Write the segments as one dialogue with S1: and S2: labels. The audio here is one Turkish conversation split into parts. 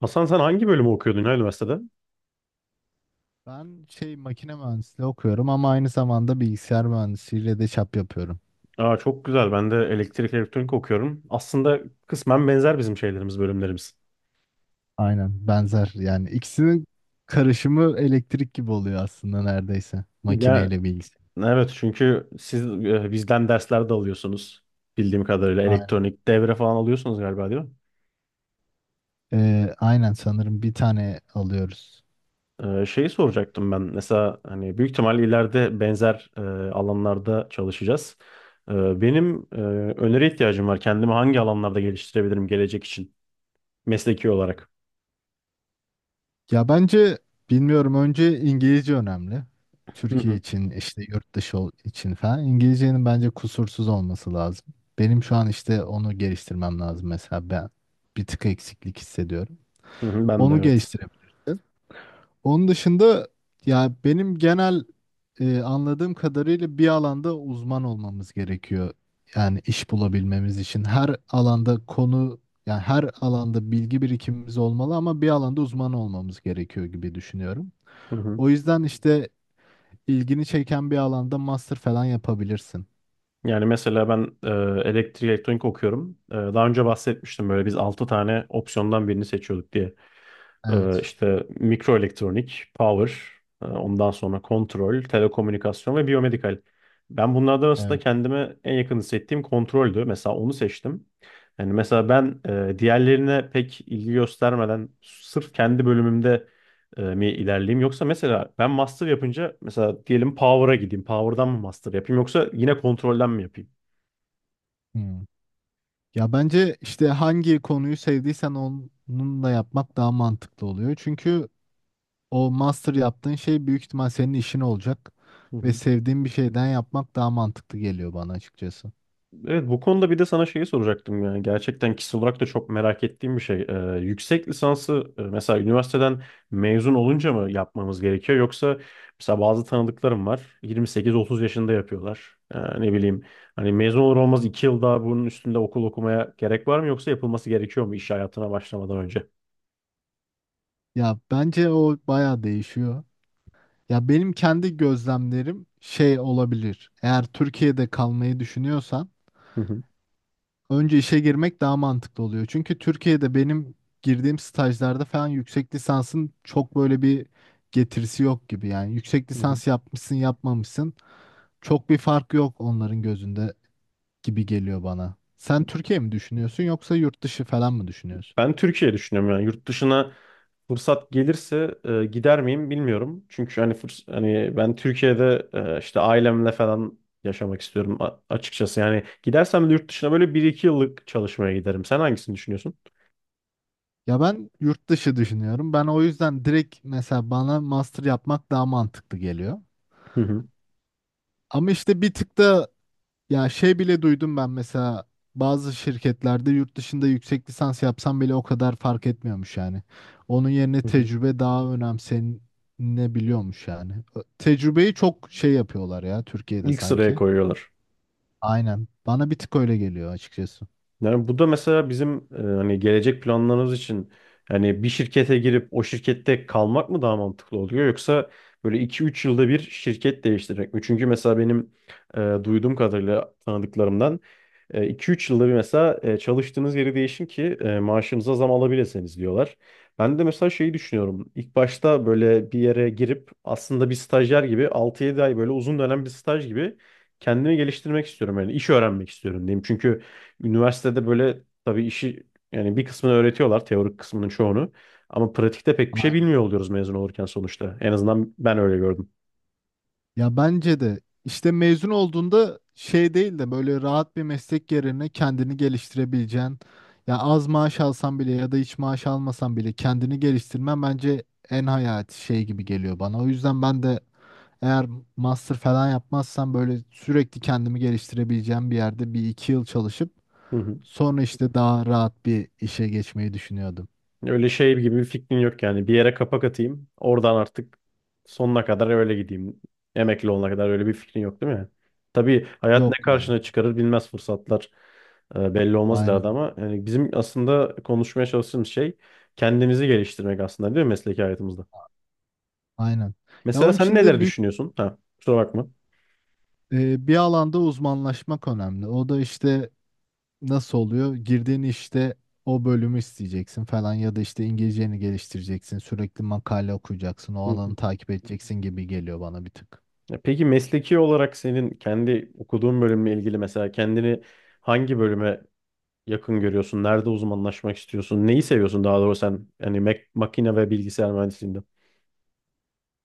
S1: Hasan sen hangi bölümü okuyordun ya üniversitede?
S2: Ben makine mühendisliği okuyorum ama aynı zamanda bilgisayar mühendisliğiyle de çap yapıyorum.
S1: Aa, çok güzel. Ben de elektrik elektronik okuyorum. Aslında kısmen benzer bizim şeylerimiz, bölümlerimiz.
S2: Aynen benzer yani ikisinin karışımı elektrik gibi oluyor aslında neredeyse
S1: Ya
S2: makineyle bilgisayar.
S1: evet çünkü siz bizden dersler de alıyorsunuz. Bildiğim kadarıyla
S2: Aynen.
S1: elektronik devre falan alıyorsunuz galiba değil mi?
S2: Aynen sanırım bir tane alıyoruz.
S1: Şeyi soracaktım ben. Mesela hani büyük ihtimalle ileride benzer alanlarda çalışacağız. Benim öneri ihtiyacım var. Kendimi hangi alanlarda geliştirebilirim gelecek için mesleki olarak?
S2: Ya bence bilmiyorum önce İngilizce önemli.
S1: Hı
S2: Türkiye
S1: hı.
S2: için işte yurt dışı için falan. İngilizcenin bence kusursuz olması lazım. Benim şu an işte onu geliştirmem lazım mesela ben bir tık eksiklik hissediyorum.
S1: Hı hı, ben de
S2: Onu
S1: evet.
S2: geliştirebilirim. Onun dışında ya benim genel anladığım kadarıyla bir alanda uzman olmamız gerekiyor. Yani iş bulabilmemiz için her alanda konu yani her alanda bilgi birikimimiz olmalı ama bir alanda uzman olmamız gerekiyor gibi düşünüyorum.
S1: Hı hı.
S2: O yüzden işte ilgini çeken bir alanda master falan yapabilirsin.
S1: Yani mesela ben elektrik elektronik okuyorum. Daha önce bahsetmiştim böyle biz 6 tane opsiyondan birini seçiyorduk diye.
S2: Evet,
S1: İşte mikro elektronik, power, ondan sonra kontrol, telekomünikasyon ve biyomedikal. Ben bunlardan arasında
S2: evet.
S1: kendime en yakın hissettiğim kontroldü. Mesela onu seçtim. Yani mesela ben diğerlerine pek ilgi göstermeden sırf kendi bölümümde mi ilerleyeyim yoksa mesela ben master yapınca mesela diyelim power'a gideyim. Power'dan mı master yapayım yoksa yine kontrolden mi yapayım?
S2: Hmm. Ya bence işte hangi konuyu sevdiysen onunla yapmak daha mantıklı oluyor. Çünkü o master yaptığın şey büyük ihtimal senin işin olacak
S1: Hı
S2: ve
S1: hı.
S2: sevdiğin bir şeyden yapmak daha mantıklı geliyor bana açıkçası.
S1: Evet bu konuda bir de sana şeyi soracaktım yani gerçekten kişisel olarak da çok merak ettiğim bir şey. Yüksek lisansı mesela üniversiteden mezun olunca mı yapmamız gerekiyor yoksa mesela bazı tanıdıklarım var 28-30 yaşında yapıyorlar. Ne bileyim hani mezun olur olmaz 2 yıl daha bunun üstünde okul okumaya gerek var mı yoksa yapılması gerekiyor mu iş hayatına başlamadan önce?
S2: Ya bence o baya değişiyor. Ya benim kendi gözlemlerim şey olabilir. Eğer Türkiye'de kalmayı düşünüyorsan
S1: Hı hı,
S2: önce işe girmek daha mantıklı oluyor. Çünkü Türkiye'de benim girdiğim stajlarda falan yüksek lisansın çok böyle bir getirisi yok gibi. Yani yüksek
S1: hı hı.
S2: lisans yapmışsın yapmamışsın çok bir fark yok onların gözünde gibi geliyor bana. Sen Türkiye mi düşünüyorsun yoksa yurt dışı falan mı düşünüyorsun?
S1: Ben Türkiye düşünüyorum yani yurt dışına fırsat gelirse gider miyim bilmiyorum. Çünkü hani fırs hani ben Türkiye'de işte ailemle falan yaşamak istiyorum açıkçası. Yani gidersem de yurt dışına böyle bir iki yıllık çalışmaya giderim. Sen hangisini düşünüyorsun?
S2: Ya ben yurt dışı düşünüyorum. Ben o yüzden direkt mesela bana master yapmak daha mantıklı geliyor.
S1: Hı hı.
S2: Ama işte bir tık da ya şey bile duydum ben mesela bazı şirketlerde yurt dışında yüksek lisans yapsam bile o kadar fark etmiyormuş yani. Onun yerine
S1: Hı hı.
S2: tecrübe daha önemsenebiliyormuş yani. Tecrübeyi çok şey yapıyorlar ya Türkiye'de
S1: İlk sıraya
S2: sanki.
S1: koyuyorlar.
S2: Aynen. Bana bir tık öyle geliyor açıkçası.
S1: Yani bu da mesela bizim hani gelecek planlarımız için yani bir şirkete girip o şirkette kalmak mı daha mantıklı oluyor yoksa böyle iki üç yılda bir şirket değiştirmek mi? Çünkü mesela benim duyduğum kadarıyla tanıdıklarımdan iki üç yılda bir mesela çalıştığınız yeri değişin ki maaşınıza zam alabilirsiniz diyorlar. Ben de mesela şeyi düşünüyorum. İlk başta böyle bir yere girip aslında bir stajyer gibi altı yedi ay böyle uzun dönem bir staj gibi kendimi geliştirmek istiyorum. Yani iş öğrenmek istiyorum diyeyim. Çünkü üniversitede böyle tabii işi yani bir kısmını öğretiyorlar teorik kısmının çoğunu. Ama pratikte pek bir şey bilmiyor oluyoruz mezun olurken sonuçta. En azından ben öyle gördüm.
S2: Ya bence de işte mezun olduğunda şey değil de böyle rahat bir meslek yerine kendini geliştirebileceğin ya az maaş alsan bile ya da hiç maaş almasan bile kendini geliştirmen bence en hayati şey gibi geliyor bana. O yüzden ben de eğer master falan yapmazsam böyle sürekli kendimi geliştirebileceğim bir yerde bir iki yıl çalışıp
S1: Hı hı.
S2: sonra işte daha rahat bir işe geçmeyi düşünüyordum.
S1: Öyle şey gibi bir fikrin yok yani. Bir yere kapak atayım. Oradan artık sonuna kadar öyle gideyim. Emekli olana kadar öyle bir fikrin yok değil mi? Tabii hayat ne
S2: Yok ya.
S1: karşına çıkarır bilmez fırsatlar. Belli olmaz ileride
S2: Aynen.
S1: ama yani bizim aslında konuşmaya çalıştığımız şey kendimizi geliştirmek aslında değil mi mesleki hayatımızda?
S2: Aynen. Ya
S1: Mesela
S2: onun
S1: sen
S2: için de
S1: neler
S2: büyük
S1: düşünüyorsun? Ha, kusura bakma.
S2: Bir alanda uzmanlaşmak önemli. O da işte nasıl oluyor? Girdiğin işte o bölümü isteyeceksin falan ya da işte İngilizceni geliştireceksin. Sürekli makale okuyacaksın. O alanı takip edeceksin gibi geliyor bana bir tık.
S1: Ya peki mesleki olarak senin kendi okuduğun bölümle ilgili mesela kendini hangi bölüme yakın görüyorsun? Nerede uzmanlaşmak istiyorsun? Neyi seviyorsun daha doğrusu sen yani makine ve bilgisayar mühendisliğinde?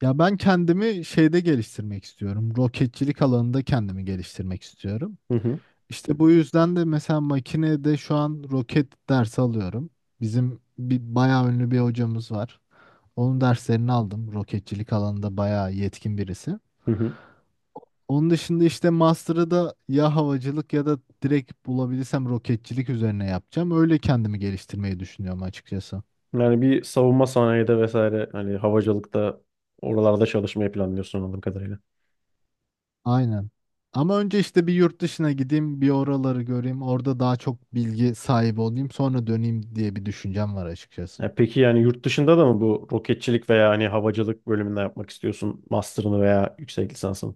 S2: Ya ben kendimi şeyde geliştirmek istiyorum. Roketçilik alanında kendimi geliştirmek istiyorum.
S1: Hı hı,
S2: İşte bu yüzden de mesela makinede şu an roket dersi alıyorum. Bizim bir bayağı ünlü bir hocamız var. Onun derslerini aldım. Roketçilik alanında bayağı yetkin birisi.
S1: hı hı.
S2: Onun dışında işte master'ı da ya havacılık ya da direkt bulabilirsem roketçilik üzerine yapacağım. Öyle kendimi geliştirmeyi düşünüyorum açıkçası.
S1: Yani bir savunma sanayide vesaire hani havacılıkta oralarda çalışmayı planlıyorsun anladığım kadarıyla.
S2: Aynen. Ama önce işte bir yurt dışına gideyim, bir oraları göreyim, orada daha çok bilgi sahibi olayım, sonra döneyim diye bir düşüncem var açıkçası.
S1: Ya peki yani yurt dışında da mı bu roketçilik veya hani havacılık bölümünde yapmak istiyorsun master'ını veya yüksek lisansını?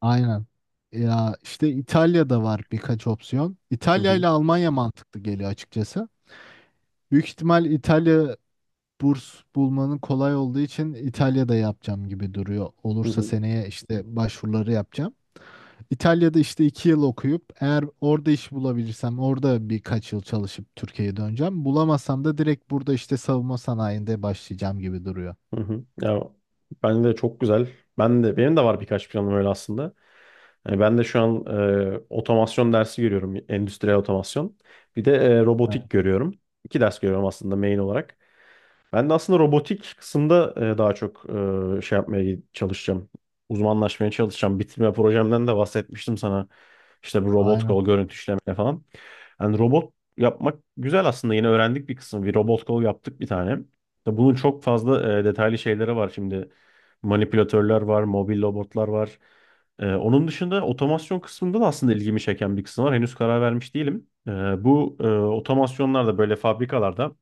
S2: Aynen. Ya işte İtalya'da var birkaç opsiyon.
S1: Hı
S2: İtalya
S1: hı,
S2: ile Almanya mantıklı geliyor açıkçası. Büyük ihtimal İtalya burs bulmanın kolay olduğu için İtalya'da yapacağım gibi duruyor.
S1: hı
S2: Olursa
S1: hı.
S2: seneye işte başvuruları yapacağım. İtalya'da işte 2 yıl okuyup eğer orada iş bulabilirsem orada birkaç yıl çalışıp Türkiye'ye döneceğim. Bulamazsam da direkt burada işte savunma sanayinde başlayacağım gibi duruyor.
S1: Hı hı. Ya ben de çok güzel. Ben de benim de var birkaç planım öyle aslında. Yani ben de şu an otomasyon dersi görüyorum, endüstriyel otomasyon. Bir de robotik
S2: Evet.
S1: görüyorum. İki ders görüyorum aslında main olarak. Ben de aslında robotik kısımda daha çok şey yapmaya çalışacağım. Uzmanlaşmaya çalışacağım. Bitirme projemden de bahsetmiştim sana. İşte bu robot
S2: Aynen,
S1: kol görüntü işleme falan. Yani robot yapmak güzel aslında. Yine öğrendik bir kısım. Bir robot kol yaptık bir tane. Tabii bunun çok fazla detaylı şeyleri var şimdi. Manipülatörler var, mobil robotlar var. Onun dışında otomasyon kısmında da aslında ilgimi çeken bir kısım var. Henüz karar vermiş değilim. Bu otomasyonlar da böyle fabrikalarda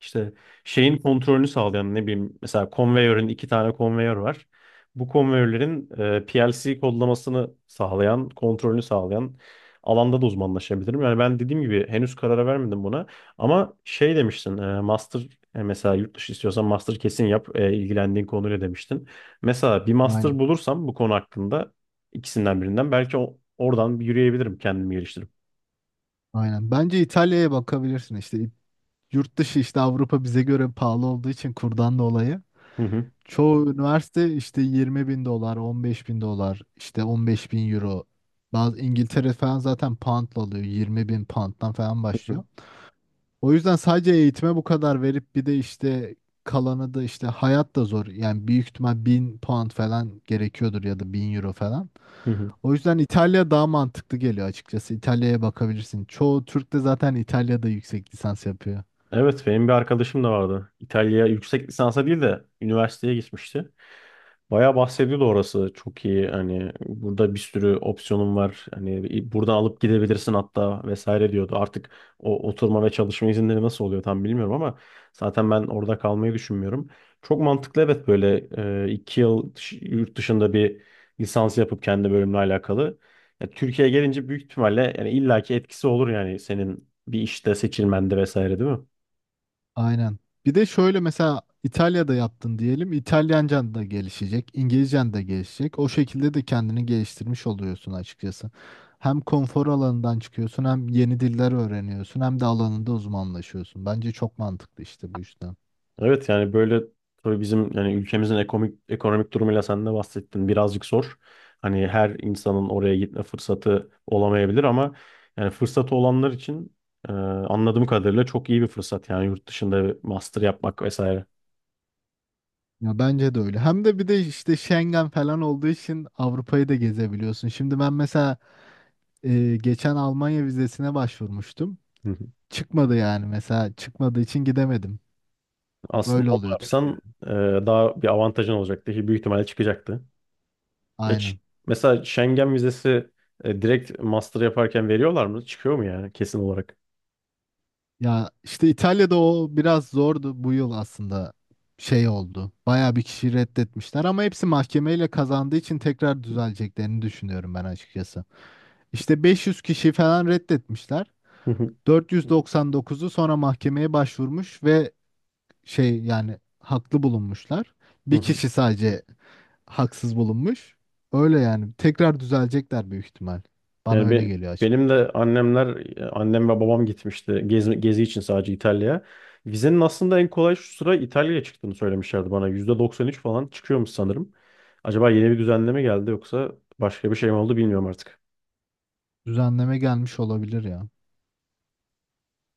S1: işte şeyin kontrolünü sağlayan ne bileyim mesela konveyörün iki tane konveyör var. Bu konveyörlerin PLC kodlamasını sağlayan, kontrolünü sağlayan alanda da uzmanlaşabilirim. Yani ben dediğim gibi henüz karara vermedim buna. Ama şey demiştin, master mesela yurt dışı istiyorsan master kesin yap ilgilendiğin konuyla demiştin. Mesela bir master
S2: aynen,
S1: bulursam bu konu hakkında ikisinden birinden belki oradan bir yürüyebilirim kendimi geliştirip.
S2: aynen. Bence İtalya'ya bakabilirsin işte. Yurt dışı işte Avrupa bize göre pahalı olduğu için kurdan dolayı.
S1: Hı hı
S2: Çoğu üniversite işte 20 bin dolar, 15 bin dolar, işte 15 bin euro. Bazı İngiltere falan zaten poundla alıyor. 20 bin pound'dan falan
S1: hı
S2: başlıyor. O yüzden sadece eğitime bu kadar verip bir de işte kalanı da işte hayat da zor. Yani büyük ihtimal 1.000 pound falan gerekiyordur ya da 1.000 euro falan.
S1: hı.
S2: O yüzden İtalya daha mantıklı geliyor açıkçası. İtalya'ya bakabilirsin. Çoğu Türk de zaten İtalya'da yüksek lisans yapıyor.
S1: Evet benim bir arkadaşım da vardı. İtalya yüksek lisansa değil de üniversiteye gitmişti. Bayağı bahsediyordu orası. Çok iyi hani burada bir sürü opsiyonum var. Hani buradan alıp gidebilirsin hatta vesaire diyordu. Artık o oturma ve çalışma izinleri nasıl oluyor tam bilmiyorum ama zaten ben orada kalmayı düşünmüyorum. Çok mantıklı evet böyle iki yıl yurt dışında bir lisans yapıp kendi bölümle alakalı. Ya, Türkiye'ye gelince büyük ihtimalle yani illaki etkisi olur yani senin bir işte seçilmende vesaire değil mi?
S2: Aynen. Bir de şöyle mesela İtalya'da yaptın diyelim. İtalyancan da gelişecek, İngilizcen de gelişecek. O şekilde de kendini geliştirmiş oluyorsun açıkçası. Hem konfor alanından çıkıyorsun, hem yeni diller öğreniyorsun, hem de alanında uzmanlaşıyorsun. Bence çok mantıklı işte bu yüzden.
S1: Evet yani böyle tabii bizim yani ülkemizin ekonomik durumuyla sen de bahsettin birazcık zor. Hani her insanın oraya gitme fırsatı olamayabilir ama yani fırsatı olanlar için anladığım kadarıyla çok iyi bir fırsat yani yurt dışında bir master yapmak vesaire.
S2: Ya bence de öyle. Hem de bir de işte Schengen falan olduğu için Avrupa'yı da gezebiliyorsun. Şimdi ben mesela geçen Almanya vizesine başvurmuştum.
S1: Hı hı.
S2: Çıkmadı yani mesela çıkmadığı için gidemedim.
S1: Aslında
S2: Böyle
S1: onu
S2: oluyor
S1: yapsan
S2: Türkiye'de.
S1: e, daha bir avantajın olacaktı ki büyük ihtimalle çıkacaktı. Ya
S2: Aynen.
S1: mesela Schengen vizesi direkt master yaparken veriyorlar mı? Çıkıyor mu yani kesin olarak?
S2: Ya işte İtalya'da o biraz zordu bu yıl aslında şey oldu. Bayağı bir kişi reddetmişler ama hepsi mahkemeyle kazandığı için tekrar düzeleceklerini düşünüyorum ben açıkçası. İşte 500 kişi falan reddetmişler. 499'u sonra mahkemeye başvurmuş ve şey yani haklı bulunmuşlar.
S1: Hı
S2: Bir
S1: hı.
S2: kişi sadece haksız bulunmuş. Öyle yani tekrar düzelecekler büyük ihtimal. Bana
S1: Yani
S2: öyle geliyor açık.
S1: benim de annemler, annem ve babam gitmişti gezi için sadece İtalya'ya. Vizenin aslında en kolay şu sıra İtalya'ya çıktığını söylemişlerdi bana. %93 falan çıkıyormuş sanırım. Acaba yeni bir düzenleme geldi yoksa başka bir şey mi oldu bilmiyorum artık.
S2: Düzenleme gelmiş olabilir ya.